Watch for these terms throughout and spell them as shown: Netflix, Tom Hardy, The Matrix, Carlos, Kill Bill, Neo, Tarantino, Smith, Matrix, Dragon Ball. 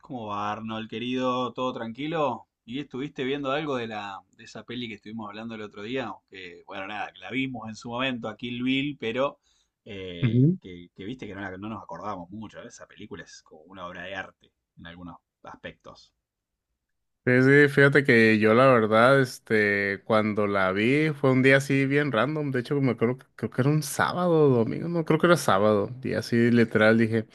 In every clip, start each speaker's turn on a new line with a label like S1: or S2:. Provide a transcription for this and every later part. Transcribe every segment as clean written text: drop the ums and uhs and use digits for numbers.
S1: ¿Cómo va, Arnold, querido? ¿Todo tranquilo? ¿Y estuviste viendo algo de la de esa peli que estuvimos hablando el otro día? Que, bueno, nada, que la vimos en su momento a Kill Bill, pero
S2: Ujú.
S1: que viste que no, no nos acordábamos mucho, ¿eh? Esa película es como una obra de arte en algunos aspectos.
S2: Sí, sí, fíjate que yo la verdad, cuando la vi fue un día así bien random. De hecho me acuerdo, creo que era un sábado o domingo. No, creo que era sábado, y así literal dije: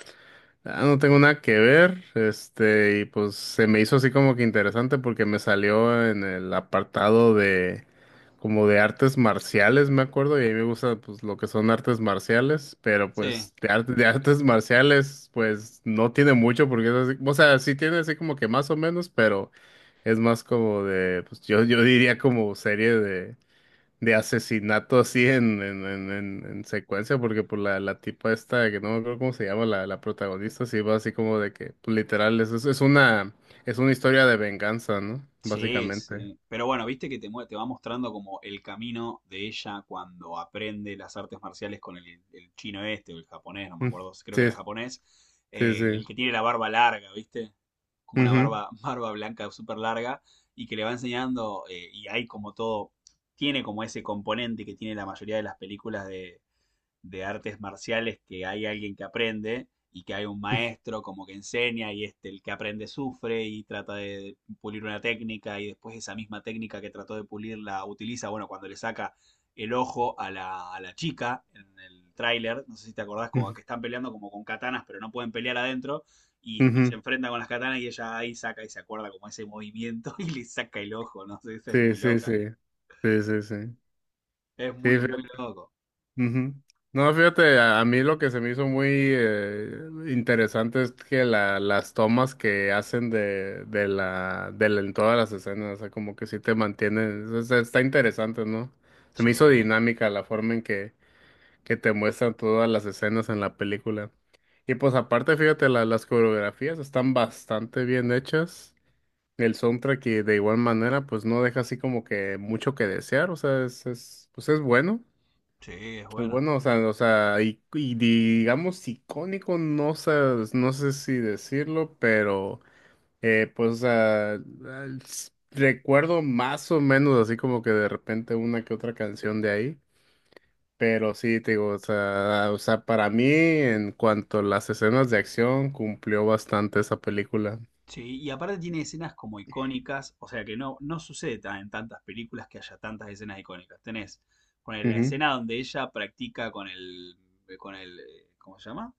S2: "Ah, no tengo nada que ver". Y pues se me hizo así como que interesante porque me salió en el apartado de como de artes marciales, me acuerdo, y a mí me gusta pues lo que son artes marciales, pero
S1: Sí.
S2: pues de artes marciales pues no tiene mucho porque es así, o sea, sí tiene así como que más o menos, pero es más como de, pues yo diría como serie de asesinato así en secuencia, porque por la tipa esta, que no me acuerdo cómo se llama, la protagonista, sí va así como de que, pues, literal, es una historia de venganza, ¿no?
S1: Sí,
S2: Básicamente.
S1: sí, pero bueno, viste que te va mostrando como el camino de ella cuando aprende las artes marciales con el chino este o el japonés, no me
S2: Mm,
S1: acuerdo, creo
S2: sí,
S1: que era japonés,
S2: sí,
S1: el
S2: sí.
S1: que tiene la barba larga, viste, como una
S2: Ujú,
S1: barba, barba blanca súper larga, y que le va enseñando y hay como todo, tiene como ese componente que tiene la mayoría de las películas de artes marciales, que hay alguien que aprende y que hay un maestro como que enseña, y este el que aprende sufre y trata de pulir una técnica, y después esa misma técnica que trató de pulir la utiliza, bueno, cuando le saca el ojo a a la chica en el tráiler, no sé si te acordás, como
S2: ujú,
S1: que están peleando como con katanas pero no pueden pelear adentro, y se
S2: ujú.
S1: enfrenta con las katanas y ella ahí saca y se acuerda como ese movimiento y le saca el ojo. No sé, eso es
S2: Sí,
S1: muy
S2: sí,
S1: loca,
S2: sí. Sí, sí, sí.
S1: es
S2: Sí,
S1: muy, muy loco.
S2: ujú. No, fíjate, a mí lo que se me hizo muy interesante es que las tomas que hacen en todas las escenas, o sea, como que sí te mantienen, o sea, está interesante, ¿no? Se
S1: Sí,
S2: me hizo dinámica la forma en que te muestran todas las escenas en la película. Y pues aparte, fíjate, las coreografías están bastante bien hechas. El soundtrack y de igual manera pues no deja así como que mucho que desear, o sea, pues es bueno.
S1: sí, es
S2: Pues
S1: bueno.
S2: bueno, o sea, y digamos icónico, no sé, no sé si decirlo, pero pues o sea, recuerdo más o menos así como que de repente una que otra canción de ahí, pero sí, te digo, o sea, para mí en cuanto a las escenas de acción cumplió bastante esa película.
S1: Sí, y aparte tiene escenas como icónicas, o sea que no, no sucede en tantas películas que haya tantas escenas icónicas. Tenés, ponele, la
S2: Ujú,
S1: escena donde ella practica con el, ¿cómo se llama?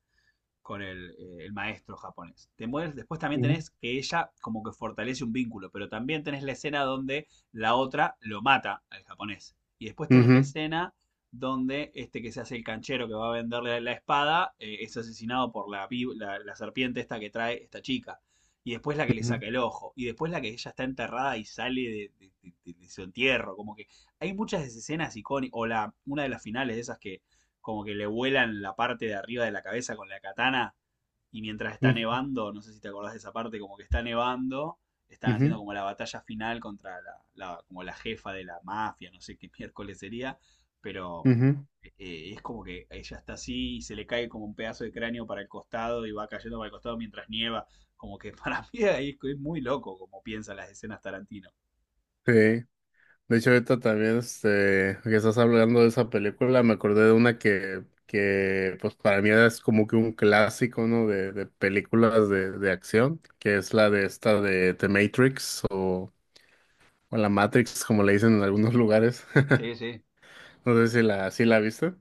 S1: Con el maestro japonés. Después también
S2: ujú,
S1: tenés que ella como que fortalece un vínculo, pero también tenés la escena donde la otra lo mata al japonés. Y después tenés la
S2: ujú,
S1: escena donde este que se hace el canchero que va a venderle la espada es asesinado por la serpiente esta que trae esta chica. Y después la que le
S2: ujú,
S1: saca el ojo. Y después la que ella está enterrada y sale de su entierro. Como que hay muchas de esas escenas icónicas. O una de las finales de esas que como que le vuelan la parte de arriba de la cabeza con la katana, y mientras está
S2: ujú,
S1: nevando, no sé si te acordás de esa parte, como que está nevando, están haciendo
S2: ujú,
S1: como la batalla final contra como la jefa de la mafia, no sé qué miércoles sería, pero
S2: ujú.
S1: es como que ella está así y se le cae como un pedazo de cráneo para el costado y va cayendo para el costado mientras nieva, como que para mí ahí es muy loco como piensan las escenas Tarantino.
S2: Sí. De hecho, ahorita también, que estás hablando de esa película, me acordé de una que pues para mí es como que un clásico, ¿no? De películas de acción, que es la de esta de The Matrix o la Matrix, como le dicen en algunos lugares.
S1: Sí, sí.
S2: No sé si la viste.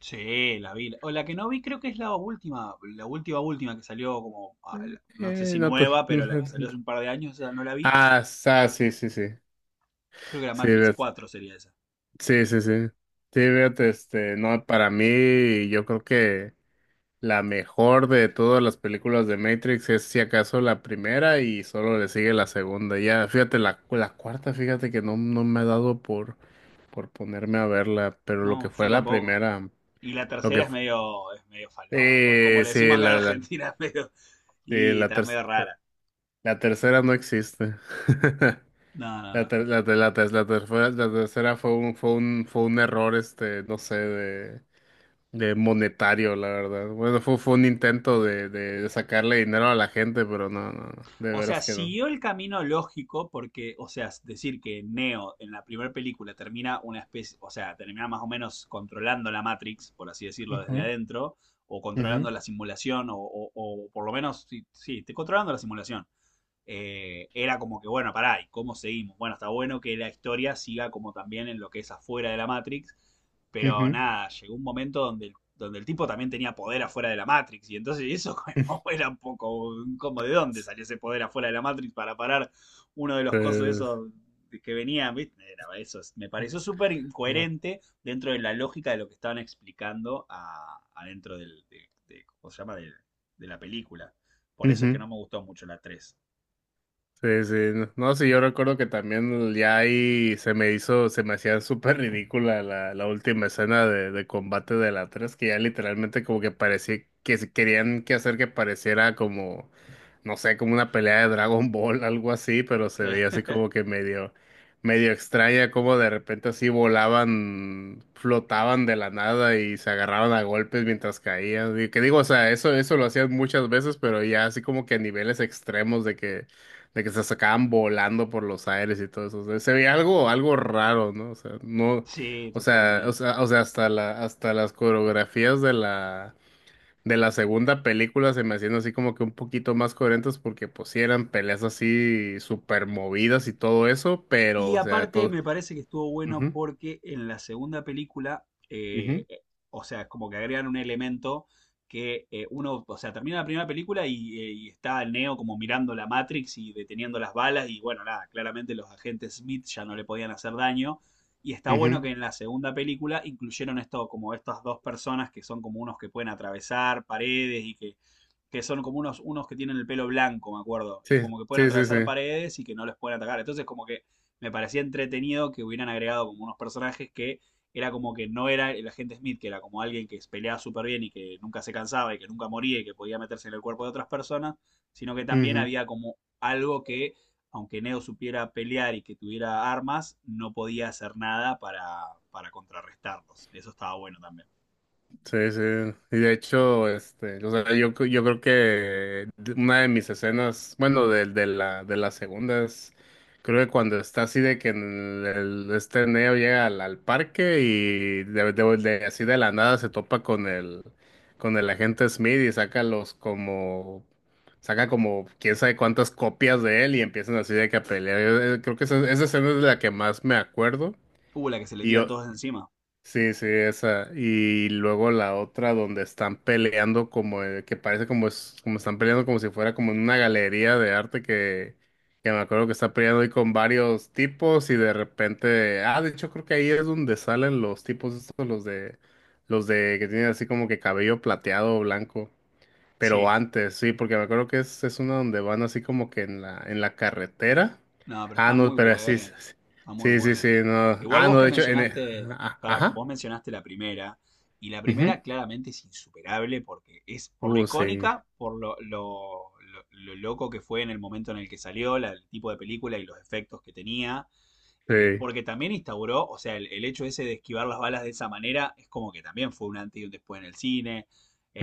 S1: Sí, la vi. O la que no vi creo que es la última última que salió como, ah, no sé si
S2: No,
S1: nueva,
S2: no
S1: pero la
S2: fue
S1: que salió
S2: tanto.
S1: hace un par de años, esa no la vi.
S2: Ah, sí, sí, sí.
S1: Creo que la
S2: Sí,
S1: Matrix cuatro sería esa.
S2: sí, sí, sí. Sí, fíjate, no, para mí, yo creo que. La mejor de todas las películas de Matrix es si acaso la primera y solo le sigue la segunda. Ya, fíjate, la cuarta, fíjate que no, no me ha dado por ponerme a verla, pero lo que
S1: No, yo
S2: fue la
S1: tampoco.
S2: primera,
S1: Y la
S2: lo
S1: tercera
S2: que fue,
S1: es medio falopa, por como le decimos
S2: sí,
S1: acá en
S2: la,
S1: Argentina, es medio,
S2: sí,
S1: y
S2: la,
S1: está
S2: ter-
S1: medio rara.
S2: la tercera no existe.
S1: No, no, no.
S2: La tercera fue fue un error, no sé, de monetario, la verdad. Bueno, fue un intento de sacarle dinero a la gente, pero no, no, no, de
S1: O sea,
S2: veras que no.
S1: siguió el camino lógico porque, o sea, decir que Neo en la primera película termina una especie, o sea, termina más o menos controlando la Matrix, por así decirlo, desde adentro, o
S2: Ujú,
S1: controlando
S2: ujú,
S1: la simulación, o por lo menos, sí, sí, controlando la simulación, era como que, bueno, pará, ¿y cómo seguimos? Bueno, está bueno que la historia siga como también en lo que es afuera de la Matrix, pero
S2: ujú.
S1: nada, llegó un momento donde donde el tipo también tenía poder afuera de la Matrix, y entonces eso como era un poco, como de dónde salió ese poder afuera de la Matrix para parar uno de los cosos
S2: Pues,
S1: esos que venían, ¿viste? Era eso, me pareció súper incoherente dentro de la lógica de lo que estaban explicando a, adentro ¿cómo se llama? De la película. Por eso es que
S2: ujú.
S1: no me gustó mucho la tres.
S2: Sí, sí, no, no, sí, yo recuerdo que también ya ahí se me hacía súper ridícula la última escena de combate de la tres, que ya literalmente como que parecía que se querían que hacer que pareciera como, no sé, como una pelea de Dragon Ball, algo así, pero se
S1: Sí,
S2: veía así como que medio extraña, como de repente así volaban, flotaban de la nada y se agarraban a golpes mientras caían. Y que digo, o sea, eso lo hacían muchas veces, pero ya así como que a niveles extremos de que se sacaban volando por los aires y todo eso. O sea, se veía algo, algo raro, ¿no? O sea, no,
S1: sí,
S2: o sea, o
S1: totalmente.
S2: sea, o sea, hasta hasta las coreografías de la segunda película se me hacían así como que un poquito más coherentes porque pues sí eran peleas así súper movidas y todo eso, pero,
S1: Y
S2: o sea,
S1: aparte
S2: todo.
S1: me parece que estuvo bueno
S2: Ujú,
S1: porque en la segunda película,
S2: ujú,
S1: o sea, como que agregan un elemento que uno, o sea, termina la primera película y está Neo como mirando la Matrix y deteniendo las balas y bueno, nada, claramente los agentes Smith ya no le podían hacer daño. Y está bueno
S2: ujú.
S1: que en la segunda película incluyeron esto, como estas dos personas que son como unos que pueden atravesar paredes y que son como unos, unos que tienen el pelo blanco, me acuerdo, y
S2: Sí,
S1: como que pueden
S2: sí, sí,
S1: atravesar
S2: sí.
S1: paredes y que no les pueden atacar. Entonces, como que me parecía entretenido que hubieran agregado como unos personajes que era como que no era el agente Smith, que era como alguien que peleaba súper bien y que nunca se cansaba y que nunca moría y que podía meterse en el cuerpo de otras personas, sino que también
S2: Ujú.
S1: había como algo que, aunque Neo supiera pelear y que tuviera armas, no podía hacer nada para, para contrarrestarlos. Eso estaba bueno también.
S2: Sí, sí. Y de hecho, o sea, yo creo que una de mis escenas, bueno, de la segunda es, creo que cuando está así de que en el, este Neo llega al parque y así de la nada se topa con el agente Smith y saca como quién sabe cuántas copias de él y empiezan así de que a pelear. Yo, creo que esa escena es de la que más me acuerdo.
S1: La que se le tiran todos encima.
S2: Sí, sí, esa. Y luego la otra donde están peleando como que parece como es, como están peleando como si fuera como en una galería de arte que me acuerdo que está peleando ahí con varios tipos y de repente, ah, de hecho creo que ahí es donde salen los tipos estos, los de que tienen así como que cabello plateado o blanco. Pero
S1: Sí,
S2: antes, sí, porque me acuerdo que es una donde van así como que en la carretera.
S1: no, pero
S2: Ah,
S1: está
S2: no,
S1: muy
S2: pero sí, sí,
S1: buena, está muy
S2: sí, sí, sí,
S1: buena.
S2: no.
S1: Igual
S2: Ah,
S1: vos
S2: no,
S1: que
S2: de hecho,
S1: mencionaste,
S2: ah,
S1: para,
S2: ajá.
S1: vos mencionaste la primera, y la
S2: Ujú.
S1: primera claramente es insuperable porque es por lo
S2: Sí,
S1: icónica, por lo loco que fue en el momento en el que salió, el tipo de película y los efectos que tenía,
S2: sí.
S1: porque también instauró, o sea, el hecho ese de esquivar las balas de esa manera es como que también fue un antes y un después en el cine.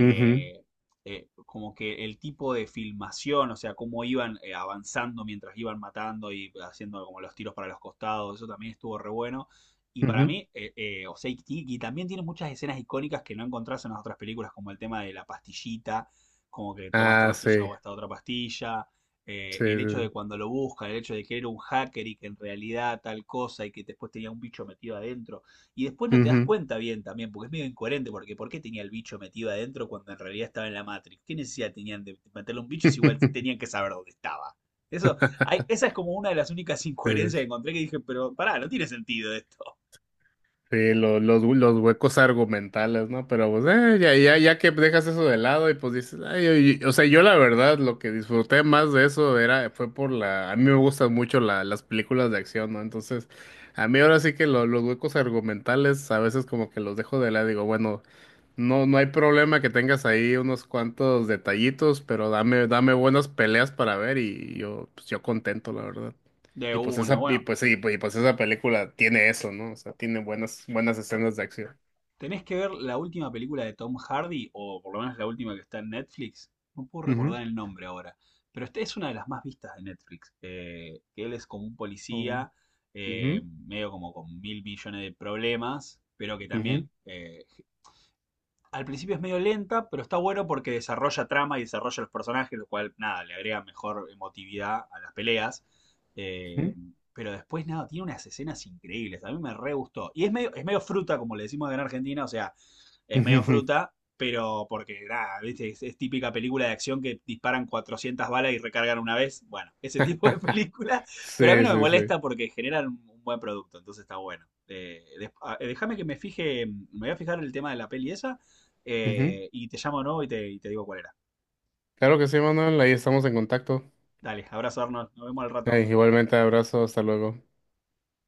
S2: Ujú,
S1: Como que el tipo de filmación, o sea, cómo iban avanzando mientras iban matando y haciendo como los tiros para los costados, eso también estuvo re bueno. Y para
S2: ujú.
S1: mí, o sea, y también tiene muchas escenas icónicas que no encontrás en las otras películas, como el tema de la pastillita, como que toma esta
S2: Ah,
S1: pastilla
S2: sí,
S1: o esta otra pastilla,
S2: sí,
S1: el hecho de
S2: sí.
S1: cuando lo busca, el hecho de que era un hacker y que en realidad tal cosa y que después tenía un bicho metido adentro. Y después no te das
S2: Ujú.
S1: cuenta bien también, porque es medio incoherente, porque ¿por qué tenía el bicho metido adentro cuando en realidad estaba en la Matrix? ¿Qué necesidad tenían de meterle un bicho si igual tenían que saber dónde estaba? Eso, esa es como una de las únicas
S2: Sí,
S1: incoherencias que encontré que dije, pero pará, no tiene sentido esto.
S2: sí, los huecos argumentales, ¿no? Pero pues, ya, ya, ya que dejas eso de lado y pues dices, ay, oye, o sea, yo la verdad lo que disfruté más de eso era, fue por la, a mí me gustan mucho las películas de acción, ¿no? Entonces, a mí ahora sí que los huecos argumentales a veces como que los dejo de lado, digo, bueno, no, no hay problema que tengas ahí unos cuantos detallitos, pero dame, dame buenas peleas para ver y yo, pues yo contento, la verdad.
S1: De
S2: Y pues
S1: una.
S2: esa, y
S1: Bueno,
S2: pues sí, pues- Y pues esa película tiene eso, ¿no? O sea, tiene buenas, buenas escenas de acción.
S1: tenés que ver la última película de Tom Hardy, o por lo menos la última que está en Netflix. No puedo
S2: Ujú.
S1: recordar el nombre ahora, pero esta es una de las más vistas de Netflix. Que él es como un
S2: Oh.
S1: policía,
S2: Ujú,
S1: medio como con 1.000 millones de problemas, pero que también
S2: ujú,
S1: al principio es medio lenta, pero está bueno porque desarrolla trama y desarrolla los personajes, lo cual, nada, le agrega mejor emotividad a las peleas. Eh,
S2: ujú,
S1: pero después, nada, tiene unas escenas increíbles. A mí me re gustó. Y es medio fruta, como le decimos acá en Argentina, o sea, es medio
S2: ujú.
S1: fruta, pero porque, nada, ¿viste? Es típica película de acción que disparan 400 balas y recargan una vez. Bueno, ese tipo de película. Pero a mí
S2: Sí,
S1: no me
S2: sí, sí.
S1: molesta porque generan un, buen producto, entonces está bueno. Déjame que me fije, me voy a fijar el tema de la peli esa,
S2: Ujú.
S1: y te llamo, ¿no? Y te digo cuál era.
S2: Claro que sí, Manuel, ahí estamos en contacto.
S1: Dale, abrazo Arnold, nos vemos al rato.
S2: Igualmente, abrazo, hasta luego.